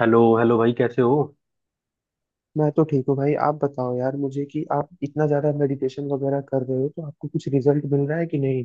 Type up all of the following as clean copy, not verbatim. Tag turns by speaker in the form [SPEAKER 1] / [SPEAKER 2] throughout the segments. [SPEAKER 1] Hello hello भाई, कैसे हो?
[SPEAKER 2] मैं तो ठीक हूँ भाई। आप बताओ यार मुझे, कि आप इतना ज्यादा मेडिटेशन वगैरह कर रहे हो तो आपको कुछ रिजल्ट मिल रहा है कि नहीं?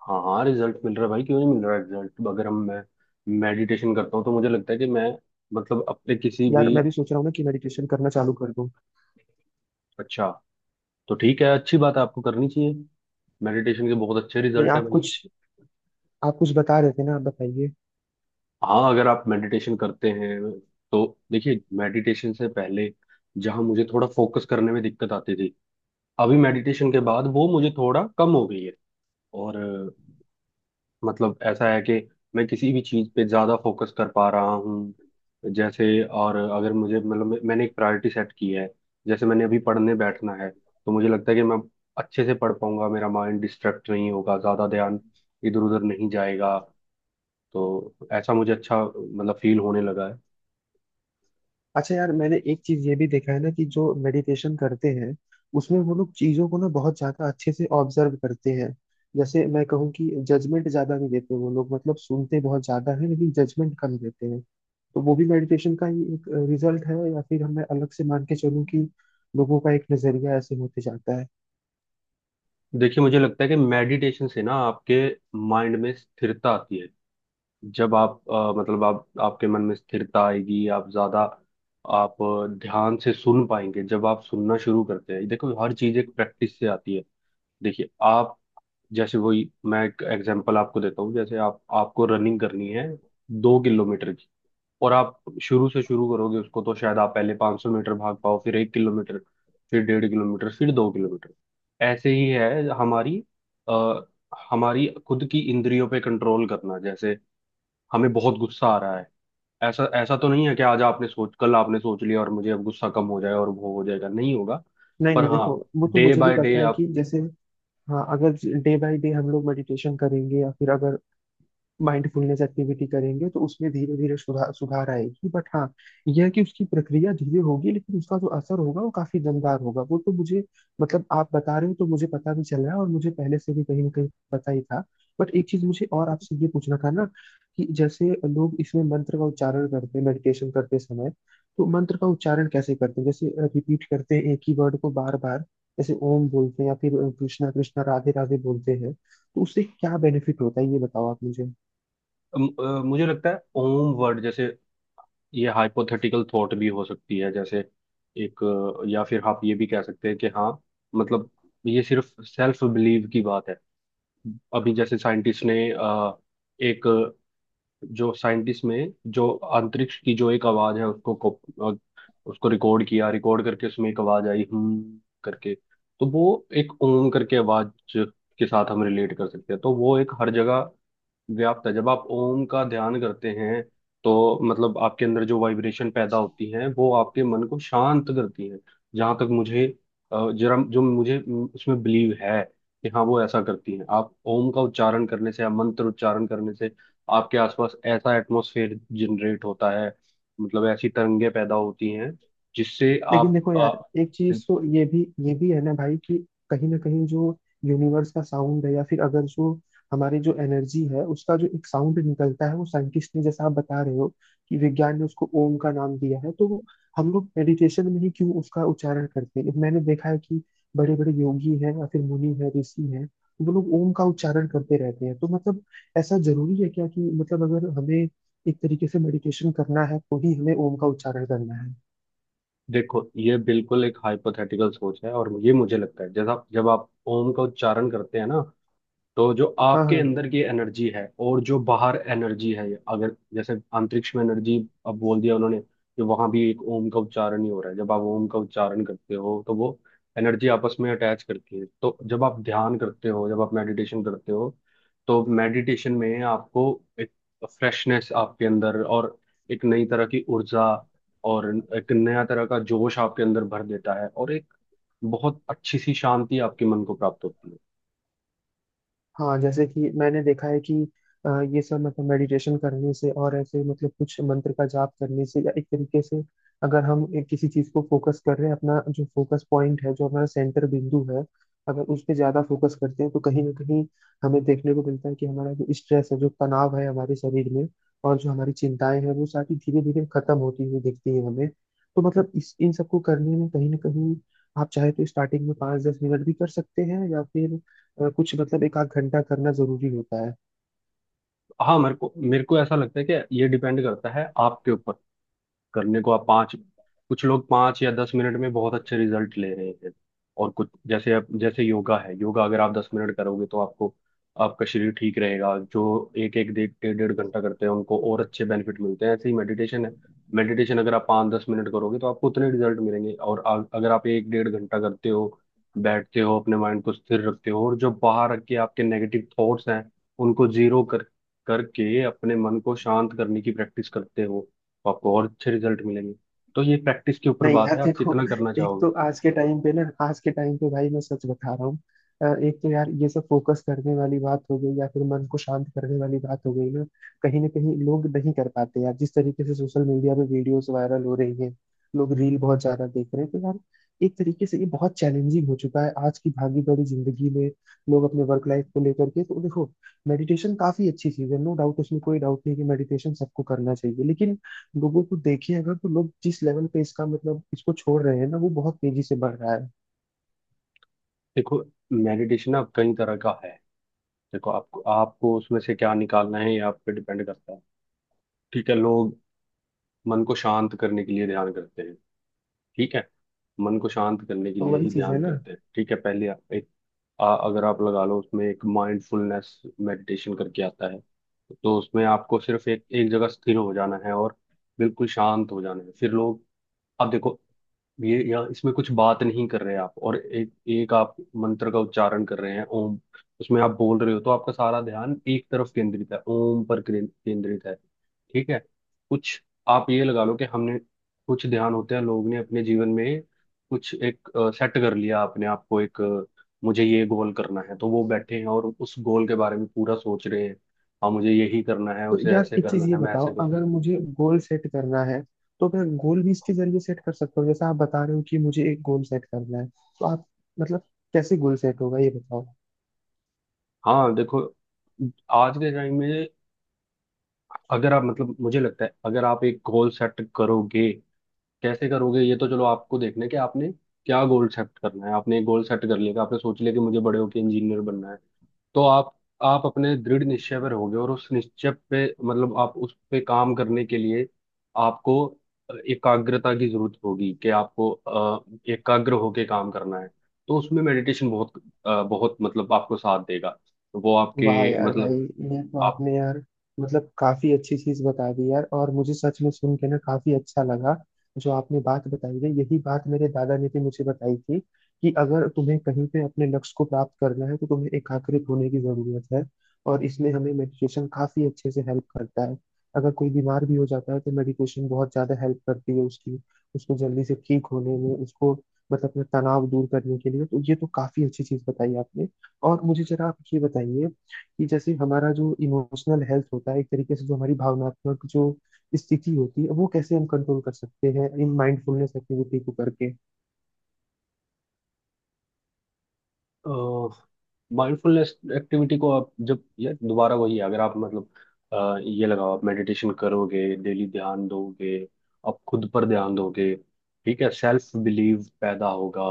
[SPEAKER 1] हाँ हाँ, रिजल्ट मिल रहा है भाई। क्यों नहीं मिल रहा रिजल्ट? अगर हम मैं मेडिटेशन करता हूँ तो मुझे लगता है कि मैं मतलब अपने किसी
[SPEAKER 2] यार
[SPEAKER 1] भी।
[SPEAKER 2] मैं भी सोच रहा हूँ ना कि मेडिटेशन करना चालू कर दूँ।
[SPEAKER 1] अच्छा, तो ठीक है, अच्छी बात है, आपको करनी चाहिए। मेडिटेशन के बहुत अच्छे
[SPEAKER 2] नहीं,
[SPEAKER 1] रिजल्ट है
[SPEAKER 2] आप
[SPEAKER 1] भैया।
[SPEAKER 2] कुछ आप कुछ बता रहे थे ना, आप बताइए।
[SPEAKER 1] हाँ, अगर आप मेडिटेशन करते हैं तो देखिए, मेडिटेशन से पहले जहाँ मुझे थोड़ा फोकस करने में दिक्कत आती थी, अभी मेडिटेशन के बाद वो मुझे थोड़ा कम हो गई है। और मतलब ऐसा है कि मैं किसी भी चीज़ पे ज़्यादा फोकस कर पा रहा हूँ। जैसे, और अगर मुझे मतलब मैंने एक प्रायोरिटी सेट की है। जैसे मैंने अभी पढ़ने बैठना है तो मुझे लगता है कि मैं अच्छे से पढ़ पाऊंगा, मेरा माइंड डिस्ट्रैक्ट नहीं होगा, ज़्यादा ध्यान इधर उधर नहीं जाएगा। तो ऐसा मुझे अच्छा मतलब फील होने लगा है।
[SPEAKER 2] अच्छा यार, मैंने एक चीज ये भी देखा है ना कि जो मेडिटेशन करते हैं उसमें वो लोग चीजों को ना बहुत ज्यादा अच्छे से ऑब्जर्व करते हैं। जैसे मैं कहूँ कि जजमेंट ज्यादा नहीं देते वो लोग, मतलब सुनते बहुत ज्यादा है लेकिन जजमेंट कम देते हैं। तो वो भी मेडिटेशन का ही एक रिजल्ट है, या फिर हमें अलग से मान के चलूं कि लोगों का एक नजरिया ऐसे होते जाता है?
[SPEAKER 1] देखिए, मुझे लगता है कि मेडिटेशन से ना आपके माइंड में स्थिरता आती है। जब आप मतलब आप आपके मन में स्थिरता आएगी, आप ज्यादा आप ध्यान से सुन पाएंगे। जब आप सुनना शुरू करते हैं, देखो, हर चीज एक प्रैक्टिस से आती है। देखिए आप, जैसे वही, मैं एक एग्जांपल आपको देता हूँ। जैसे आप, आपको रनिंग करनी है, दो किलोमीटर की। और आप शुरू से शुरू करोगे उसको तो शायद आप पहले 500 मीटर भाग पाओ, फिर एक किलोमीटर, फिर डेढ़ किलोमीटर, फिर दो किलोमीटर। ऐसे ही है हमारी, अ, हमारी खुद की इंद्रियों पे कंट्रोल करना। जैसे हमें बहुत गुस्सा आ रहा है, ऐसा ऐसा तो नहीं है कि आज आपने सोच, कल आपने सोच लिया और मुझे अब गुस्सा कम हो जाए और वो हो जाएगा, नहीं होगा।
[SPEAKER 2] नहीं
[SPEAKER 1] पर
[SPEAKER 2] नहीं, देखो
[SPEAKER 1] हाँ,
[SPEAKER 2] वो तो
[SPEAKER 1] डे
[SPEAKER 2] मुझे भी
[SPEAKER 1] बाय डे
[SPEAKER 2] पता है
[SPEAKER 1] आप।
[SPEAKER 2] कि जैसे... हाँ, अगर डे बाय डे हम लोग मेडिटेशन करेंगे या फिर अगर माइंडफुलनेस एक्टिविटी करेंगे तो उसमें धीरे धीरे सुधार सुधार आएगी। बट हाँ, यह है कि उसकी प्रक्रिया धीरे होगी लेकिन उसका जो असर होगा वो काफी दमदार होगा। वो तो मुझे मतलब, आप बता रहे हो तो मुझे पता भी चल रहा है और मुझे पहले से भी कहीं ना कहीं पता ही था। बट एक चीज मुझे और आपसे ये पूछना था ना, कि जैसे लोग इसमें मंत्र का उच्चारण करते हैं मेडिटेशन करते समय, तो मंत्र का उच्चारण कैसे करते हैं? जैसे रिपीट करते हैं एक ही वर्ड को बार बार, जैसे ओम बोलते हैं या फिर कृष्णा कृष्णा राधे राधे बोलते हैं, तो उससे क्या बेनिफिट होता है? ये बताओ आप मुझे।
[SPEAKER 1] मुझे लगता है ओम वर्ड जैसे, ये हाइपोथेटिकल थॉट भी हो सकती है। जैसे एक, या फिर आप ये भी कह सकते हैं कि हाँ मतलब ये सिर्फ सेल्फ बिलीव की बात है। अभी जैसे साइंटिस्ट ने एक, जो साइंटिस्ट में जो अंतरिक्ष की जो एक आवाज है, उसको रिकॉर्ड किया, रिकॉर्ड करके उसमें एक आवाज आई हम करके। तो वो एक ओम करके आवाज के साथ हम रिलेट कर सकते हैं। तो वो एक हर जगह व्याप्त है। जब आप ओम का ध्यान करते हैं तो मतलब आपके अंदर जो वाइब्रेशन पैदा होती है वो आपके मन को शांत करती है। जहां तक मुझे जरा जो मुझे उसमें बिलीव है कि हाँ वो ऐसा करती है। आप ओम का उच्चारण करने से या मंत्र उच्चारण करने से आपके आसपास ऐसा एटमॉस्फेयर जनरेट होता है, मतलब ऐसी तरंगे पैदा होती हैं जिससे
[SPEAKER 2] लेकिन
[SPEAKER 1] आप
[SPEAKER 2] देखो यार, एक चीज तो ये भी... है ना भाई, कि कहीं ना कहीं जो यूनिवर्स का साउंड है या फिर अगर जो हमारी जो एनर्जी है उसका जो एक साउंड निकलता है वो साइंटिस्ट ने, जैसा आप बता रहे हो कि विज्ञान ने उसको ओम का नाम दिया है, तो वो हम लोग मेडिटेशन में ही क्यों उसका उच्चारण करते हैं? मैंने देखा है कि बड़े बड़े योगी हैं या फिर मुनि हैं, ऋषि हैं, वो लोग ओम का उच्चारण करते रहते हैं। तो मतलब ऐसा जरूरी है क्या कि मतलब अगर हमें एक तरीके से मेडिटेशन करना है तो ही हमें ओम का उच्चारण करना है?
[SPEAKER 1] देखो, ये बिल्कुल एक हाइपोथेटिकल सोच है, और ये मुझे लगता है, जैसा जब आप ओम का उच्चारण करते हैं ना, तो जो
[SPEAKER 2] हाँ,
[SPEAKER 1] आपके
[SPEAKER 2] हाँ।
[SPEAKER 1] अंदर की एनर्जी है और जो बाहर एनर्जी है, अगर जैसे अंतरिक्ष में एनर्जी, अब बोल दिया उन्होंने कि वहां भी एक ओम का उच्चारण ही हो रहा है। जब आप ओम का उच्चारण करते हो तो वो एनर्जी आपस में अटैच करती है। तो जब आप ध्यान करते हो, जब आप मेडिटेशन करते हो, तो मेडिटेशन में आपको एक फ्रेशनेस आपके अंदर, और एक नई तरह की ऊर्जा, और एक नया तरह का जोश आपके अंदर भर देता है, और एक बहुत अच्छी सी शांति आपके मन को प्राप्त होती है।
[SPEAKER 2] हाँ, जैसे कि मैंने देखा है कि अ, ये सब मतलब मेडिटेशन करने से, और ऐसे मतलब कुछ मंत्र का जाप करने से या एक तरीके से अगर हम एक किसी चीज को फोकस कर रहे हैं, अपना जो फोकस पॉइंट है, जो हमारा सेंटर बिंदु है, अगर उस पे ज्यादा फोकस करते हैं तो कहीं ना कहीं हमें देखने को मिलता है कि हमारा जो स्ट्रेस है, जो तनाव है हमारे शरीर में, और जो हमारी चिंताएं हैं, वो सारी धीरे धीरे खत्म होती हुई दिखती है हमें। तो मतलब इस इन सबको करने में कहीं ना कहीं, आप चाहे तो स्टार्टिंग में पाँच दस मिनट भी कर सकते हैं, या फिर कुछ मतलब एक आध घंटा करना जरूरी होता है?
[SPEAKER 1] हाँ, मेरे को ऐसा लगता है कि ये डिपेंड करता है आपके ऊपर। करने को आप पाँच, कुछ लोग पाँच या दस मिनट में बहुत अच्छे रिजल्ट ले रहे हैं, और कुछ, जैसे आप जैसे योगा है, योगा अगर आप दस मिनट करोगे तो आपको, आपका शरीर ठीक रहेगा। जो एक एक डेढ़ डेढ़ डेढ़ घंटा करते हैं उनको और अच्छे बेनिफिट मिलते हैं। ऐसे ही मेडिटेशन है। मेडिटेशन अगर आप पाँच दस मिनट करोगे तो आपको उतने रिजल्ट मिलेंगे, और अगर आप एक डेढ़ घंटा करते हो, बैठते हो, अपने माइंड को स्थिर रखते हो, और जो बाहर के आपके नेगेटिव थॉट्स हैं उनको जीरो कर करके अपने मन को शांत करने की प्रैक्टिस करते हो, तो आपको और अच्छे रिजल्ट मिलेंगे। तो ये प्रैक्टिस के ऊपर
[SPEAKER 2] नहीं
[SPEAKER 1] बात
[SPEAKER 2] यार
[SPEAKER 1] है, आप
[SPEAKER 2] देखो,
[SPEAKER 1] कितना करना
[SPEAKER 2] एक तो
[SPEAKER 1] चाहोगे।
[SPEAKER 2] आज के टाइम पे ना, आज के टाइम पे भाई मैं सच बता रहा हूँ। एक तो यार ये सब फोकस करने वाली बात हो गई या फिर मन को शांत करने वाली बात हो गई ना, कहीं ना कहीं लोग नहीं कर पाते यार। जिस तरीके से सोशल मीडिया पे वीडियोस वायरल हो रही हैं, लोग रील बहुत ज्यादा देख रहे हैं, तो यार एक तरीके से ये बहुत चैलेंजिंग हो चुका है आज की भागी दौड़ी जिंदगी में। लोग अपने वर्क लाइफ को लेकर के, तो देखो मेडिटेशन काफी अच्छी चीज है, नो डाउट। उसमें कोई डाउट नहीं कि मेडिटेशन सबको करना चाहिए, लेकिन लोगों को देखिए अगर, तो लोग जिस लेवल पे इसका मतलब इसको छोड़ रहे हैं ना, वो बहुत तेजी से बढ़ रहा है।
[SPEAKER 1] देखो, मेडिटेशन अब कई तरह का है। देखो, आपको आपको उसमें से क्या निकालना है ये आप पे डिपेंड करता है। ठीक है, लोग मन को शांत करने के लिए ध्यान करते हैं। ठीक है, मन को शांत करने के
[SPEAKER 2] तो
[SPEAKER 1] लिए
[SPEAKER 2] वही
[SPEAKER 1] ही
[SPEAKER 2] चीज है
[SPEAKER 1] ध्यान
[SPEAKER 2] ना।
[SPEAKER 1] करते हैं। ठीक है, पहले आप एक अगर आप लगा लो उसमें एक माइंडफुलनेस मेडिटेशन करके आता है, तो उसमें आपको सिर्फ एक एक जगह स्थिर हो जाना है और बिल्कुल शांत हो जाना है। फिर लोग, अब देखो, ये यहाँ इसमें कुछ बात नहीं कर रहे आप, और एक एक आप मंत्र का उच्चारण कर रहे हैं ओम। उसमें आप बोल रहे हो तो आपका सारा ध्यान एक तरफ केंद्रित है, ओम पर केंद्रित है। ठीक है, कुछ, आप ये लगा लो कि हमने कुछ ध्यान होते हैं, लोग ने अपने जीवन में कुछ एक सेट कर लिया, अपने आप को एक मुझे ये गोल करना है, तो वो बैठे हैं और उस गोल के बारे में पूरा सोच रहे हैं। हाँ, मुझे यही करना है,
[SPEAKER 2] तो
[SPEAKER 1] उसे
[SPEAKER 2] यार
[SPEAKER 1] ऐसे
[SPEAKER 2] एक चीज
[SPEAKER 1] करना
[SPEAKER 2] ये
[SPEAKER 1] है, मैं
[SPEAKER 2] बताओ,
[SPEAKER 1] ऐसे करूँ।
[SPEAKER 2] अगर मुझे गोल सेट करना है तो मैं गोल भी इसके जरिए सेट कर सकता हूँ? जैसा आप बता रहे हो कि मुझे एक गोल सेट करना है, तो आप, मतलब, कैसे गोल सेट होगा ये बताओ।
[SPEAKER 1] हाँ देखो, आज के टाइम में अगर आप मतलब मुझे लगता है, अगर आप एक गोल सेट करोगे, कैसे करोगे, ये तो चलो आपको देखना है कि आपने क्या गोल सेट करना है। आपने एक गोल सेट कर लिया कि आपने सोच लिया कि मुझे बड़े होकर इंजीनियर बनना है, तो आप अपने दृढ़ निश्चय पर होगे, और उस निश्चय पे मतलब आप उस पे काम करने के लिए आपको एकाग्रता की जरूरत होगी कि आपको एकाग्र होके काम करना है। तो उसमें मेडिटेशन बहुत बहुत मतलब आपको साथ देगा। वो
[SPEAKER 2] वाह
[SPEAKER 1] आपके
[SPEAKER 2] यार भाई,
[SPEAKER 1] मतलब,
[SPEAKER 2] ये तो आपने यार मतलब काफी अच्छी चीज बता दी यार, और मुझे सच में सुन के ना काफी अच्छा लगा। जो आपने बात बताई है, यही बात मेरे दादा ने भी मुझे बताई थी, कि अगर तुम्हें कहीं पे अपने लक्ष्य को प्राप्त करना है तो तुम्हें एकाग्रित होने की जरूरत है, और इसमें हमें मेडिटेशन काफी अच्छे से हेल्प करता है। अगर कोई बीमार भी हो जाता है तो मेडिटेशन बहुत ज्यादा हेल्प करती है उसकी, उसको जल्दी से ठीक होने में, उसको मतलब अपना तनाव दूर करने के लिए। तो ये तो काफी अच्छी चीज बताई आपने। और मुझे जरा आप ये बताइए, कि जैसे हमारा जो इमोशनल हेल्थ होता है, एक तरीके से जो हमारी भावनात्मक जो स्थिति होती है, वो कैसे हम कंट्रोल कर सकते हैं इन माइंडफुलनेस एक्टिविटी को करके?
[SPEAKER 1] माइंडफुलनेस एक्टिविटी को आप जब यार दोबारा वही है, अगर आप मतलब ये लगाओ, आप मेडिटेशन करोगे, डेली ध्यान दोगे, आप खुद पर ध्यान दोगे, ठीक है, सेल्फ बिलीव पैदा होगा।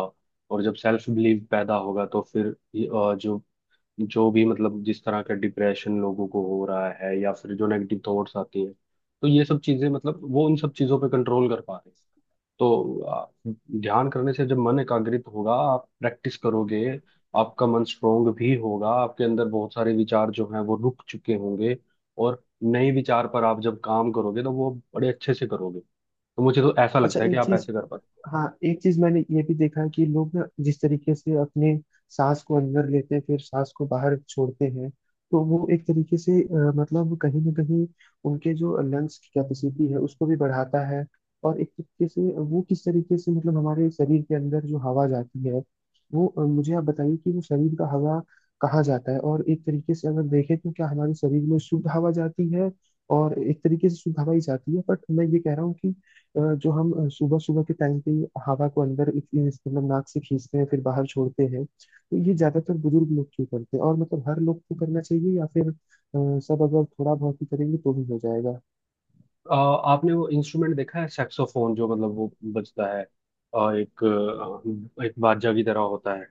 [SPEAKER 1] और जब सेल्फ बिलीव पैदा होगा तो फिर जो जो भी मतलब जिस तरह का डिप्रेशन लोगों को हो रहा है, या फिर जो नेगेटिव थॉट्स आती हैं, तो ये सब चीजें, मतलब वो उन सब चीजों पे कंट्रोल कर पा रहे हैं। तो ध्यान करने से जब मन एकाग्रित होगा, आप प्रैक्टिस करोगे, आपका मन स्ट्रोंग भी होगा, आपके अंदर बहुत सारे विचार जो हैं वो रुक चुके होंगे और नए विचार पर आप जब काम करोगे तो वो बड़े अच्छे से करोगे। तो मुझे तो ऐसा
[SPEAKER 2] अच्छा
[SPEAKER 1] लगता है कि
[SPEAKER 2] एक
[SPEAKER 1] आप
[SPEAKER 2] चीज...
[SPEAKER 1] ऐसे कर पाते।
[SPEAKER 2] हाँ, एक चीज मैंने ये भी देखा है कि लोग ना जिस तरीके से अपने सांस को अंदर लेते हैं फिर सांस को बाहर छोड़ते हैं, तो वो एक तरीके से मतलब कहीं ना कहीं उनके जो लंग्स की कैपेसिटी है उसको भी बढ़ाता है। और एक तरीके से वो किस तरीके से मतलब हमारे शरीर के अंदर जो हवा जाती है वो, मुझे आप बताइए कि वो शरीर का हवा कहाँ जाता है? और एक तरीके से अगर देखें, तो क्या हमारे शरीर में शुद्ध हवा जाती है? और एक तरीके से शुद्ध हवा ही जाती है, बट मैं ये कह रहा हूँ कि जो हम सुबह सुबह के टाइम पे ही हवा को अंदर मतलब नाक से खींचते हैं फिर बाहर छोड़ते हैं, तो ये ज्यादातर बुजुर्ग लोग क्यों करते हैं, और मतलब हर लोग को करना चाहिए, या फिर अ, सब अगर थोड़ा बहुत ही करेंगे तो भी हो जाएगा?
[SPEAKER 1] आ, आपने वो इंस्ट्रूमेंट देखा है, सैक्सोफोन जो मतलब वो बजता है, एक एक बाजा की तरह होता है।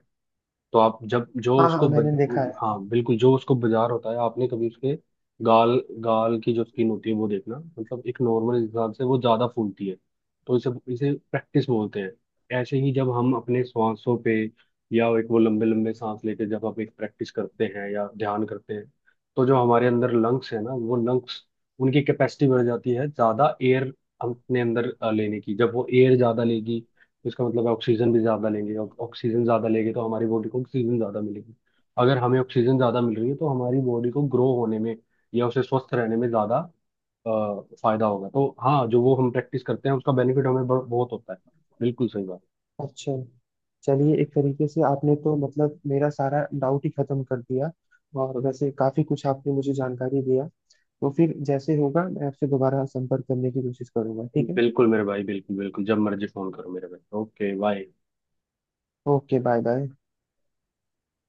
[SPEAKER 1] तो आप जब जो
[SPEAKER 2] हाँ हाँ,
[SPEAKER 1] उसको
[SPEAKER 2] मैंने देखा है।
[SPEAKER 1] हाँ बिल्कुल, जो उसको बाजार होता है, आपने कभी उसके गाल गाल की जो स्किन होती है वो देखना, मतलब एक नॉर्मल इंसान से वो ज्यादा फूलती है। तो इसे इसे प्रैक्टिस बोलते हैं। ऐसे ही जब हम अपने सांसों पे, या एक वो लंबे लंबे सांस लेके जब हम एक प्रैक्टिस करते हैं या ध्यान करते हैं, तो जो हमारे अंदर लंग्स है ना, वो लंग्स, उनकी कैपेसिटी बढ़ जाती है। ज्यादा एयर हम अपने अंदर लेने की, जब वो एयर ज्यादा लेगी तो इसका मतलब है ऑक्सीजन भी ज़्यादा लेंगे, ऑक्सीजन ज़्यादा लेंगे तो हमारी बॉडी को ऑक्सीजन ज़्यादा मिलेगी। अगर हमें ऑक्सीजन ज़्यादा मिल रही है तो हमारी बॉडी को ग्रो होने में या उसे स्वस्थ रहने में ज़्यादा फायदा होगा। तो हाँ, जो वो हम प्रैक्टिस करते हैं उसका बेनिफिट हमें बहुत होता है। बिल्कुल सही बात।
[SPEAKER 2] अच्छा, चलिए एक तरीके से आपने तो मतलब मेरा सारा डाउट ही खत्म कर दिया, और वैसे काफी कुछ आपने मुझे जानकारी दिया। तो फिर जैसे होगा मैं आपसे दोबारा संपर्क करने की कोशिश करूंगा, ठीक है।
[SPEAKER 1] बिल्कुल मेरे भाई, बिल्कुल बिल्कुल, जब मर्जी फ़ोन करो मेरे भाई। Okay bye.
[SPEAKER 2] Okay, bye bye.